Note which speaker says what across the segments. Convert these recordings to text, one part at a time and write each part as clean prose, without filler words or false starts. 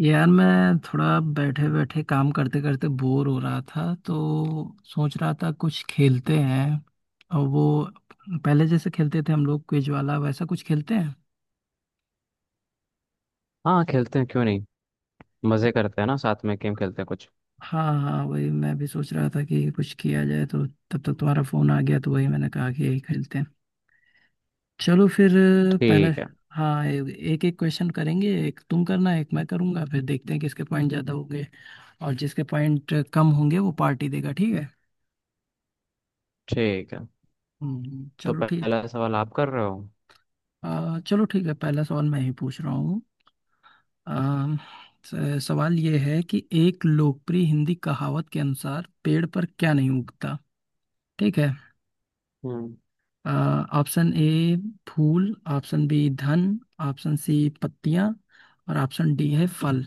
Speaker 1: यार मैं थोड़ा बैठे बैठे काम करते करते बोर हो रहा था, तो सोच रहा था कुछ खेलते हैं। और वो पहले जैसे खेलते थे हम लोग, क्विज वाला वैसा कुछ खेलते हैं।
Speaker 2: हाँ खेलते हैं क्यों नहीं। मजे करते हैं ना, साथ में गेम खेलते हैं कुछ।
Speaker 1: हाँ हाँ, वही मैं भी सोच रहा था कि कुछ किया जाए, तो तब तक तुम्हारा फोन आ गया तो वही मैंने कहा कि यही खेलते हैं। चलो फिर। पहला,
Speaker 2: ठीक है।
Speaker 1: हाँ, एक एक क्वेश्चन करेंगे, एक तुम करना एक मैं करूंगा, फिर देखते हैं किसके पॉइंट ज्यादा होंगे और जिसके पॉइंट कम होंगे वो पार्टी देगा, ठीक है।
Speaker 2: ठीक है, तो
Speaker 1: चलो ठीक।
Speaker 2: पहला सवाल आप कर रहे हो।
Speaker 1: चलो ठीक है, पहला सवाल मैं ही पूछ रहा हूँ। आ, सवाल ये है कि एक लोकप्रिय हिंदी कहावत के अनुसार पेड़ पर क्या नहीं उगता, ठीक है।
Speaker 2: हम्म
Speaker 1: ऑप्शन ए फूल, ऑप्शन बी धन, ऑप्शन सी पत्तियां, और ऑप्शन डी है फल।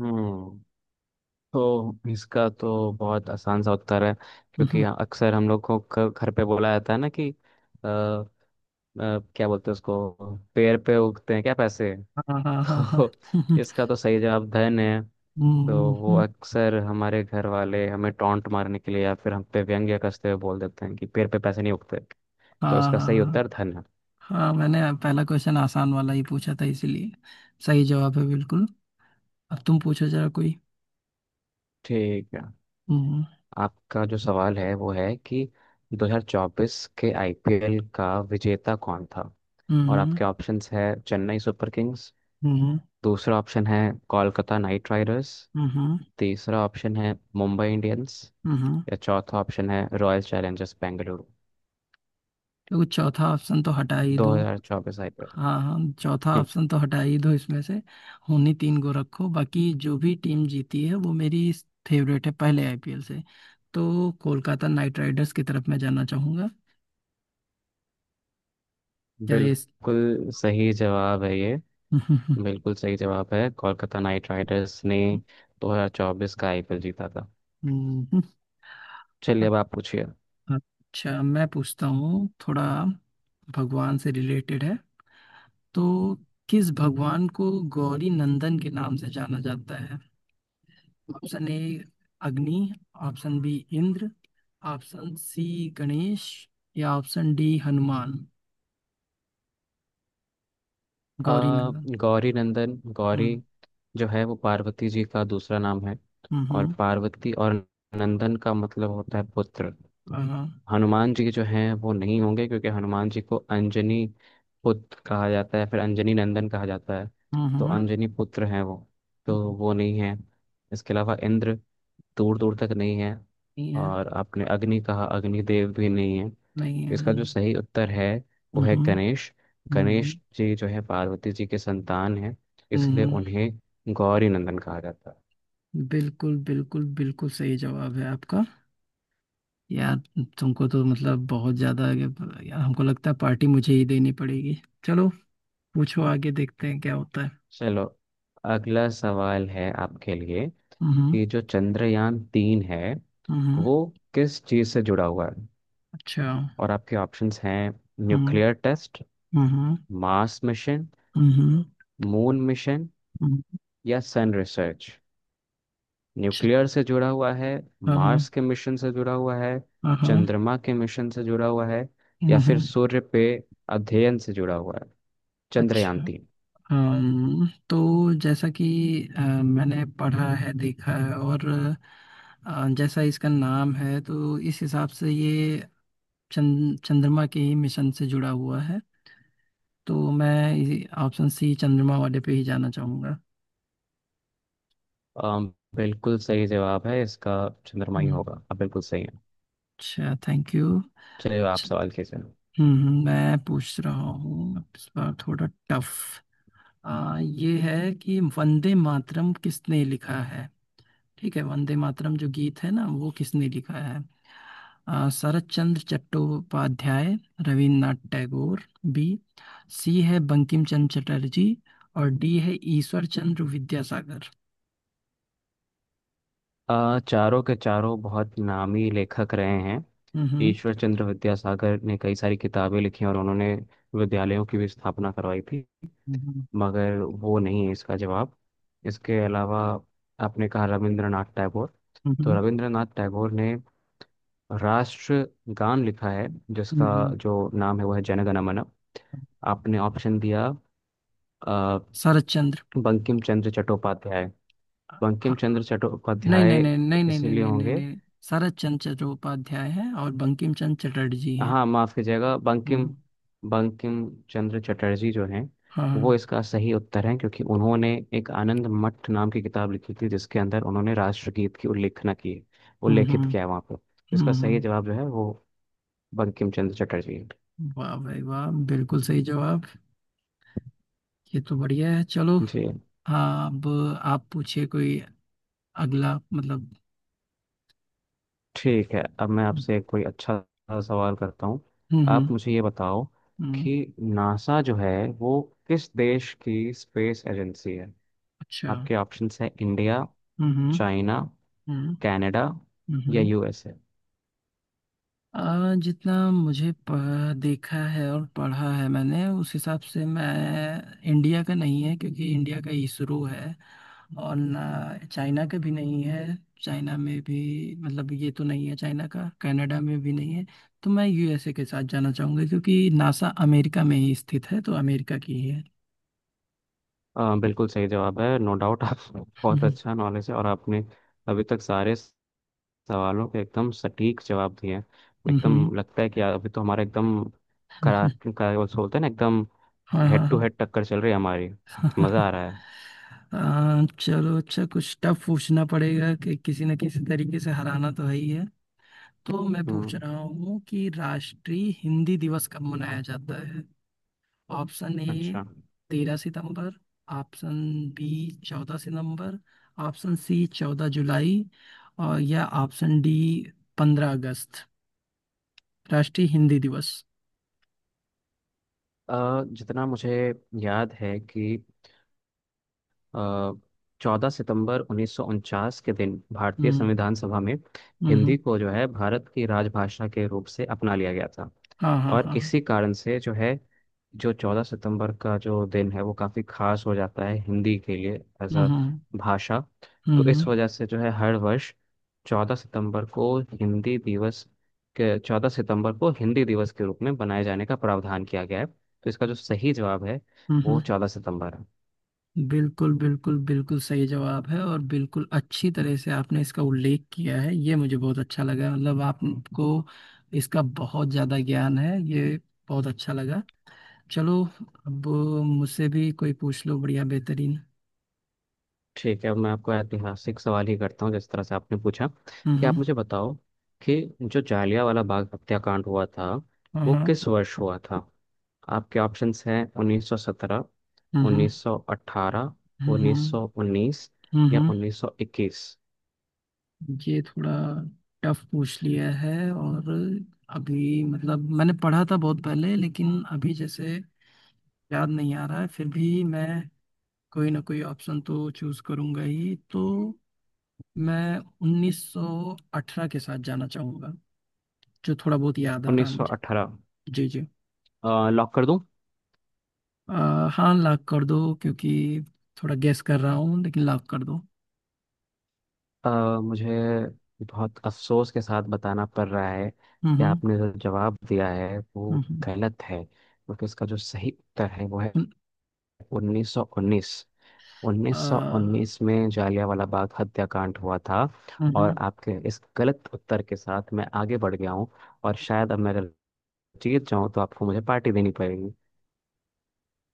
Speaker 2: हम्म तो इसका तो बहुत आसान सा उत्तर है, क्योंकि
Speaker 1: हम्म,
Speaker 2: अक्सर हम लोग को घर पे बोला जाता है ना कि अ, अ, क्या बोलते हैं उसको, पेड़ पे उगते हैं क्या पैसे
Speaker 1: हाँ हाँ हाँ हाँ।
Speaker 2: तो इसका तो सही जवाब धन है। तो
Speaker 1: हम्म,
Speaker 2: वो
Speaker 1: हम्म,
Speaker 2: अक्सर हमारे घर वाले हमें टॉन्ट मारने के लिए या फिर हम पे व्यंग्य कसते हुए बोल देते हैं कि पेड़ पे पैसे नहीं उगते। तो
Speaker 1: हाँ
Speaker 2: इसका सही उत्तर
Speaker 1: हाँ
Speaker 2: धन है।
Speaker 1: हाँ। हाँ, मैंने पहला क्वेश्चन आसान वाला ही पूछा था इसीलिए। सही जवाब है बिल्कुल। अब तुम पूछो जरा कोई।
Speaker 2: ठीक है,
Speaker 1: हम्म।
Speaker 2: आपका जो सवाल है वो है कि 2024 के आईपीएल का विजेता कौन था।
Speaker 1: हम्म।
Speaker 2: और
Speaker 1: हम्म।
Speaker 2: आपके ऑप्शंस है चेन्नई सुपर किंग्स।
Speaker 1: हम्म।
Speaker 2: दूसरा ऑप्शन है कोलकाता नाइट राइडर्स।
Speaker 1: हम्म।
Speaker 2: तीसरा ऑप्शन है मुंबई इंडियंस।
Speaker 1: हम्म।
Speaker 2: या चौथा ऑप्शन है रॉयल चैलेंजर्स बेंगलुरु।
Speaker 1: देखो चौथा ऑप्शन तो हटा ही दो।
Speaker 2: 2024 आईपीएल।
Speaker 1: हाँ हाँ, चौथा
Speaker 2: हम्म,
Speaker 1: ऑप्शन तो हटा ही दो इसमें से। उन्हीं तीन को रखो, बाकी जो भी टीम जीती है वो मेरी फेवरेट है पहले आईपीएल से। तो कोलकाता नाइट राइडर्स की तरफ मैं जाना चाहूंगा। क्या ये इस।
Speaker 2: बिल्कुल सही जवाब है ये। बिल्कुल सही जवाब है, कोलकाता नाइट राइडर्स ने 2024 का आईपीएल जीता था।
Speaker 1: हम्म।
Speaker 2: चलिए, अब आप पूछिए।
Speaker 1: अच्छा, मैं पूछता हूँ थोड़ा, भगवान से रिलेटेड है। तो किस भगवान को गौरी नंदन के नाम से जाना जाता है? Option A Agni, option B Indra, option C Ganesh, या ऑप्शन डी हनुमान। गौरी
Speaker 2: आ,
Speaker 1: नंदन।
Speaker 2: गौरी नंदन, गौरी
Speaker 1: हम्म।
Speaker 2: जो है वो पार्वती जी का दूसरा नाम है। और
Speaker 1: हम्म।
Speaker 2: पार्वती, और नंदन का मतलब होता है पुत्र।
Speaker 1: हाँ।
Speaker 2: हनुमान जी जो हैं वो नहीं होंगे, क्योंकि हनुमान जी को अंजनी पुत्र कहा जाता है, फिर अंजनी नंदन कहा जाता है।
Speaker 1: हम्म।
Speaker 2: तो
Speaker 1: हाँ।
Speaker 2: अंजनी पुत्र हैं वो, तो
Speaker 1: नहीं
Speaker 2: वो नहीं है। इसके अलावा इंद्र दूर दूर तक नहीं है।
Speaker 1: है।
Speaker 2: और आपने अग्नि कहा, अग्निदेव भी नहीं है।
Speaker 1: नहीं है।
Speaker 2: इसका जो
Speaker 1: हम्म।
Speaker 2: सही उत्तर है वो है
Speaker 1: हम्म।
Speaker 2: गणेश।
Speaker 1: हम्म,
Speaker 2: गणेश जी जो है पार्वती जी के संतान हैं, इसलिए
Speaker 1: हम्म।
Speaker 2: उन्हें गौरी नंदन कहा जाता है।
Speaker 1: बिल्कुल बिल्कुल बिल्कुल सही जवाब है आपका। यार, तुमको तो मतलब बहुत ज्यादा आगे। यार हमको लगता है पार्टी मुझे ही देनी पड़ेगी, चलो। पूछो आगे, देखते हैं क्या होता है।
Speaker 2: चलो, अगला सवाल है आपके लिए,
Speaker 1: हम्म।
Speaker 2: कि जो चंद्रयान 3 है
Speaker 1: हम्म।
Speaker 2: वो किस चीज से जुड़ा हुआ है।
Speaker 1: अच्छा।
Speaker 2: और आपके ऑप्शंस हैं न्यूक्लियर
Speaker 1: हम्म।
Speaker 2: टेस्ट,
Speaker 1: हम्म।
Speaker 2: मार्स मिशन,
Speaker 1: हम्म।
Speaker 2: मून मिशन,
Speaker 1: हम्म,
Speaker 2: या सन रिसर्च।
Speaker 1: अच्छा
Speaker 2: न्यूक्लियर से जुड़ा हुआ है,
Speaker 1: हाँ
Speaker 2: मार्स के मिशन से जुड़ा हुआ है,
Speaker 1: हाँ हाँ,
Speaker 2: चंद्रमा के मिशन से जुड़ा हुआ है, या फिर
Speaker 1: हम्म।
Speaker 2: सूर्य पे अध्ययन से जुड़ा हुआ है चंद्रयान
Speaker 1: अच्छा,
Speaker 2: तीन
Speaker 1: तो जैसा कि मैंने पढ़ा है देखा है, और जैसा इसका नाम है, तो इस हिसाब से ये चंद्रमा के ही मिशन से जुड़ा हुआ है। तो मैं ऑप्शन सी चंद्रमा वाले पे ही जाना चाहूँगा।
Speaker 2: बिल्कुल सही जवाब है इसका, चंद्रमा ही
Speaker 1: हम्म,
Speaker 2: होगा, आप बिल्कुल सही है।
Speaker 1: अच्छा, थैंक यू।
Speaker 2: चलिए, आप
Speaker 1: अच्छा।
Speaker 2: सवाल कीजिए।
Speaker 1: हम्म, मैं पूछ रहा हूँ इस बार थोड़ा टफ। ये है कि वंदे मातरम किसने लिखा है, ठीक है, वंदे मातरम जो गीत है ना वो किसने लिखा है? शरत चंद्र चट्टोपाध्याय, रविन्द्रनाथ टैगोर बी, सी है बंकिम चंद्र चटर्जी, और डी है ईश्वर चंद्र विद्यासागर।
Speaker 2: चारों के चारों बहुत नामी लेखक रहे हैं।
Speaker 1: हम्म।
Speaker 2: ईश्वर चंद्र विद्यासागर ने कई सारी किताबें लिखी, और उन्होंने विद्यालयों की भी स्थापना करवाई थी,
Speaker 1: हम्म।
Speaker 2: मगर वो नहीं है इसका जवाब। इसके अलावा आपने कहा रविंद्रनाथ टैगोर, तो
Speaker 1: हम्म।
Speaker 2: रविंद्रनाथ टैगोर ने राष्ट्र गान लिखा है, जिसका
Speaker 1: हम्म।
Speaker 2: जो नाम है वो है जनगण मन। आपने ऑप्शन दिया अ,
Speaker 1: शरत चंद्र।
Speaker 2: बंकिम चंद्र चट्टोपाध्याय। बंकिम
Speaker 1: हाँ,
Speaker 2: चंद्र
Speaker 1: नहीं
Speaker 2: चट्टोपाध्याय
Speaker 1: नहीं नहीं नहीं नहीं नहीं
Speaker 2: इसलिए
Speaker 1: नहीं नहीं
Speaker 2: होंगे।
Speaker 1: नहीं। शरत चंद्र चट्टोपाध्याय है, और बंकिम चंद्र चटर्जी हैं।
Speaker 2: हाँ माफ कीजिएगा, बंकिम,
Speaker 1: हम्म।
Speaker 2: बंकिम चंद्र चटर्जी जो हैं वो
Speaker 1: हाँ।
Speaker 2: इसका सही उत्तर है, क्योंकि उन्होंने एक आनंद मठ नाम की किताब लिखी थी जिसके अंदर उन्होंने राष्ट्रगीत की उल्लेखना की है,
Speaker 1: हम्म।
Speaker 2: उल्लेखित
Speaker 1: हम्म।
Speaker 2: किया है वहाँ पर। इसका सही
Speaker 1: हम्म।
Speaker 2: जवाब जो है वो बंकिम चंद्र चटर्जी है।
Speaker 1: वाह भाई वाह, बिल्कुल सही जवाब। ये तो बढ़िया है, चलो।
Speaker 2: जी,
Speaker 1: हाँ, अब आप पूछिए कोई अगला, मतलब।
Speaker 2: ठीक है। अब मैं
Speaker 1: हम्म।
Speaker 2: आपसे कोई अच्छा सा सवाल करता हूँ।
Speaker 1: हम्म।
Speaker 2: आप मुझे ये बताओ
Speaker 1: हम्म,
Speaker 2: कि नासा जो है वो किस देश की स्पेस एजेंसी है।
Speaker 1: अच्छा।
Speaker 2: आपके ऑप्शंस है इंडिया,
Speaker 1: हम्म।
Speaker 2: चाइना,
Speaker 1: हम्म।
Speaker 2: कनाडा,
Speaker 1: हम्म।
Speaker 2: या
Speaker 1: हम्म।
Speaker 2: यूएसए।
Speaker 1: जितना मुझे देखा है और पढ़ा है मैंने, उस हिसाब से मैं, इंडिया का नहीं है क्योंकि इंडिया का इसरो है। और ना चाइना का भी नहीं है। चाइना में भी, मतलब, ये तो नहीं है चाइना का, कनाडा में भी नहीं है। तो मैं यूएसए के साथ जाना चाहूंगा क्योंकि नासा अमेरिका में ही स्थित है, तो अमेरिका की ही है।
Speaker 2: बिल्कुल सही जवाब है, नो डाउट। आप बहुत
Speaker 1: हम्म।
Speaker 2: अच्छा नॉलेज है, और आपने अभी तक सारे सवालों के एकदम सटीक जवाब दिए हैं।
Speaker 1: हम्म,
Speaker 2: एकदम
Speaker 1: हम्म,
Speaker 2: लगता है कि अभी तो हमारा एकदम करा
Speaker 1: हम्म।
Speaker 2: करा, वो बोलते हैं ना, एकदम
Speaker 1: हाँ हाँ
Speaker 2: हेड टू
Speaker 1: हाँ।
Speaker 2: हेड टक्कर चल रही है हमारी। मज़ा आ रहा है।
Speaker 1: चलो अच्छा, कुछ टफ पूछना पड़ेगा कि किसी न किसी तरीके से हराना तो है ही है। तो मैं पूछ
Speaker 2: हम्म
Speaker 1: रहा हूँ कि राष्ट्रीय हिंदी दिवस कब मनाया जाता है? ऑप्शन ए
Speaker 2: अच्छा,
Speaker 1: तेरह सितंबर, ऑप्शन बी चौदह सितंबर, ऑप्शन सी चौदह जुलाई, और या ऑप्शन डी पंद्रह अगस्त। राष्ट्रीय हिंदी दिवस।
Speaker 2: जितना मुझे याद है कि 14 सितंबर 1949 के दिन भारतीय
Speaker 1: हम्म।
Speaker 2: संविधान सभा में
Speaker 1: हम्म।
Speaker 2: हिंदी को जो है भारत की राजभाषा के रूप से अपना लिया गया था।
Speaker 1: हाँ हाँ
Speaker 2: और
Speaker 1: हाँ
Speaker 2: इसी
Speaker 1: हाँ।
Speaker 2: कारण से जो है, जो 14 सितंबर का जो दिन है वो काफ़ी खास हो जाता है हिंदी के लिए एज
Speaker 1: हम्म।
Speaker 2: अ
Speaker 1: हम्म।
Speaker 2: भाषा। तो
Speaker 1: हम्म।
Speaker 2: इस वजह से जो है हर वर्ष 14 सितंबर को हिंदी दिवस के, 14 सितंबर को हिंदी दिवस के रूप में बनाए जाने का प्रावधान किया गया है, तो इसका जो सही जवाब है
Speaker 1: हम्म,
Speaker 2: वो
Speaker 1: हम्म।
Speaker 2: 14 सितंबर है।
Speaker 1: बिल्कुल बिल्कुल बिल्कुल सही जवाब है, और बिल्कुल अच्छी तरह से आपने इसका उल्लेख किया है। ये मुझे बहुत अच्छा लगा, मतलब आपको इसका बहुत ज़्यादा ज्ञान है, ये बहुत अच्छा लगा। चलो, अब मुझसे भी कोई पूछ लो, बढ़िया बेहतरीन।
Speaker 2: ठीक है, अब मैं आपको ऐतिहासिक सवाल ही करता हूँ जिस तरह से आपने पूछा। कि
Speaker 1: हम्म।
Speaker 2: आप मुझे बताओ कि जो जालियांवाला बाग हत्याकांड हुआ था वो
Speaker 1: हम्म।
Speaker 2: किस वर्ष हुआ था। आपके ऑप्शंस हैं 1917,
Speaker 1: हम्म।
Speaker 2: 1918,
Speaker 1: हम्म।
Speaker 2: 1919, या
Speaker 1: हम्म।
Speaker 2: 1921।
Speaker 1: ये थोड़ा टफ पूछ लिया है, और अभी मतलब मैंने पढ़ा था बहुत पहले, लेकिन अभी जैसे याद नहीं आ रहा है। फिर भी मैं कोई ना कोई ऑप्शन तो चूज करूंगा ही, तो मैं 1918 के साथ जाना चाहूंगा, जो थोड़ा बहुत याद आ रहा है मुझे।
Speaker 2: 1918
Speaker 1: जी जी।
Speaker 2: लॉक कर दूं?
Speaker 1: हाँ, लाख कर दो क्योंकि थोड़ा गेस कर रहा हूँ, लेकिन लाख कर दो।
Speaker 2: अ, मुझे बहुत अफसोस के साथ बताना पड़ रहा है कि
Speaker 1: हम्म।
Speaker 2: आपने जो जवाब दिया है वो
Speaker 1: हम्म।
Speaker 2: गलत है, क्योंकि इसका जो सही उत्तर है वो है
Speaker 1: हम्म।
Speaker 2: 1919।
Speaker 1: हम्म।
Speaker 2: 1919 में जालियांवाला बाग हत्याकांड हुआ था।
Speaker 1: हम्म।
Speaker 2: और आपके इस गलत उत्तर के साथ मैं आगे बढ़ गया हूँ, और शायद अब मेरे जीत जाऊं तो आपको मुझे पार्टी देनी पड़ेगी।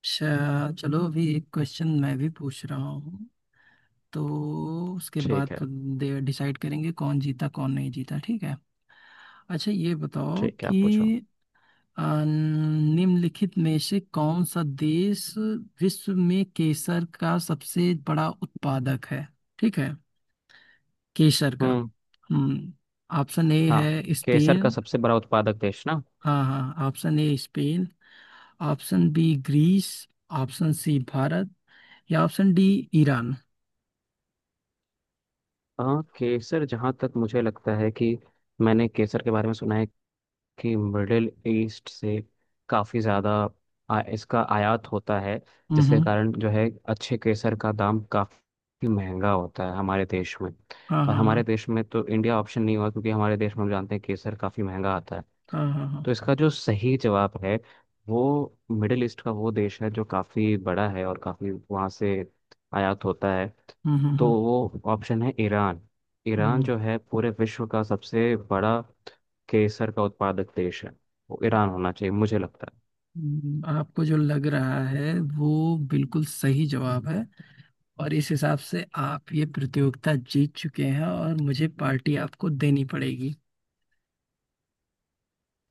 Speaker 1: अच्छा चलो, अभी एक क्वेश्चन मैं भी पूछ रहा हूँ, तो उसके
Speaker 2: ठीक
Speaker 1: बाद
Speaker 2: है।
Speaker 1: डिसाइड करेंगे कौन जीता कौन नहीं जीता, ठीक है। अच्छा ये बताओ
Speaker 2: ठीक है, आप पूछो।
Speaker 1: कि निम्नलिखित में से कौन सा देश विश्व में केसर का सबसे बड़ा उत्पादक है, ठीक है, केसर का।
Speaker 2: हम्म।
Speaker 1: हम्म। ऑप्शन ए
Speaker 2: हाँ,
Speaker 1: है
Speaker 2: केसर का
Speaker 1: स्पेन।
Speaker 2: सबसे बड़ा उत्पादक देश ना।
Speaker 1: हाँ हाँ, option A Spain, option B Greece, option C Bharat, या ऑप्शन डी ईरान।
Speaker 2: हाँ, केसर जहाँ तक मुझे लगता है कि मैंने केसर के बारे में सुना है कि मिडिल ईस्ट से काफ़ी ज़्यादा इसका आयात होता है, जिसके
Speaker 1: हम्म।
Speaker 2: कारण जो है अच्छे केसर का दाम काफ़ी महंगा होता है हमारे देश में।
Speaker 1: हाँ
Speaker 2: और हमारे
Speaker 1: हाँ
Speaker 2: देश में तो इंडिया ऑप्शन नहीं हुआ, क्योंकि हमारे देश में हम जानते हैं केसर काफ़ी महंगा आता है।
Speaker 1: हाँ हाँ। हाँ
Speaker 2: तो
Speaker 1: हाँ।
Speaker 2: इसका जो सही जवाब है, वो मिडिल ईस्ट का वो देश है जो काफ़ी बड़ा है और काफ़ी वहाँ से आयात होता है।
Speaker 1: हम्म। हम्म।
Speaker 2: तो
Speaker 1: हम्म।
Speaker 2: वो ऑप्शन है ईरान। ईरान
Speaker 1: हम्म,
Speaker 2: जो है पूरे विश्व का सबसे बड़ा केसर का उत्पादक देश है। वो ईरान होना चाहिए, मुझे लगता है।
Speaker 1: आपको जो लग रहा है वो बिल्कुल सही जवाब है, और इस हिसाब से आप ये प्रतियोगिता जीत चुके हैं, और मुझे पार्टी आपको देनी पड़ेगी।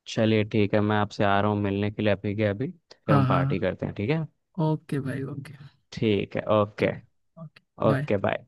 Speaker 2: चलिए ठीक है, मैं आपसे आ रहा हूँ मिलने के लिए अभी के अभी, फिर
Speaker 1: हाँ
Speaker 2: हम
Speaker 1: हाँ
Speaker 2: पार्टी
Speaker 1: हाँ,
Speaker 2: करते हैं, ठीक है।
Speaker 1: ओके भाई ओके।
Speaker 2: ठीक है ओके।
Speaker 1: ठीक है, ओके, बाय।
Speaker 2: Okay bye.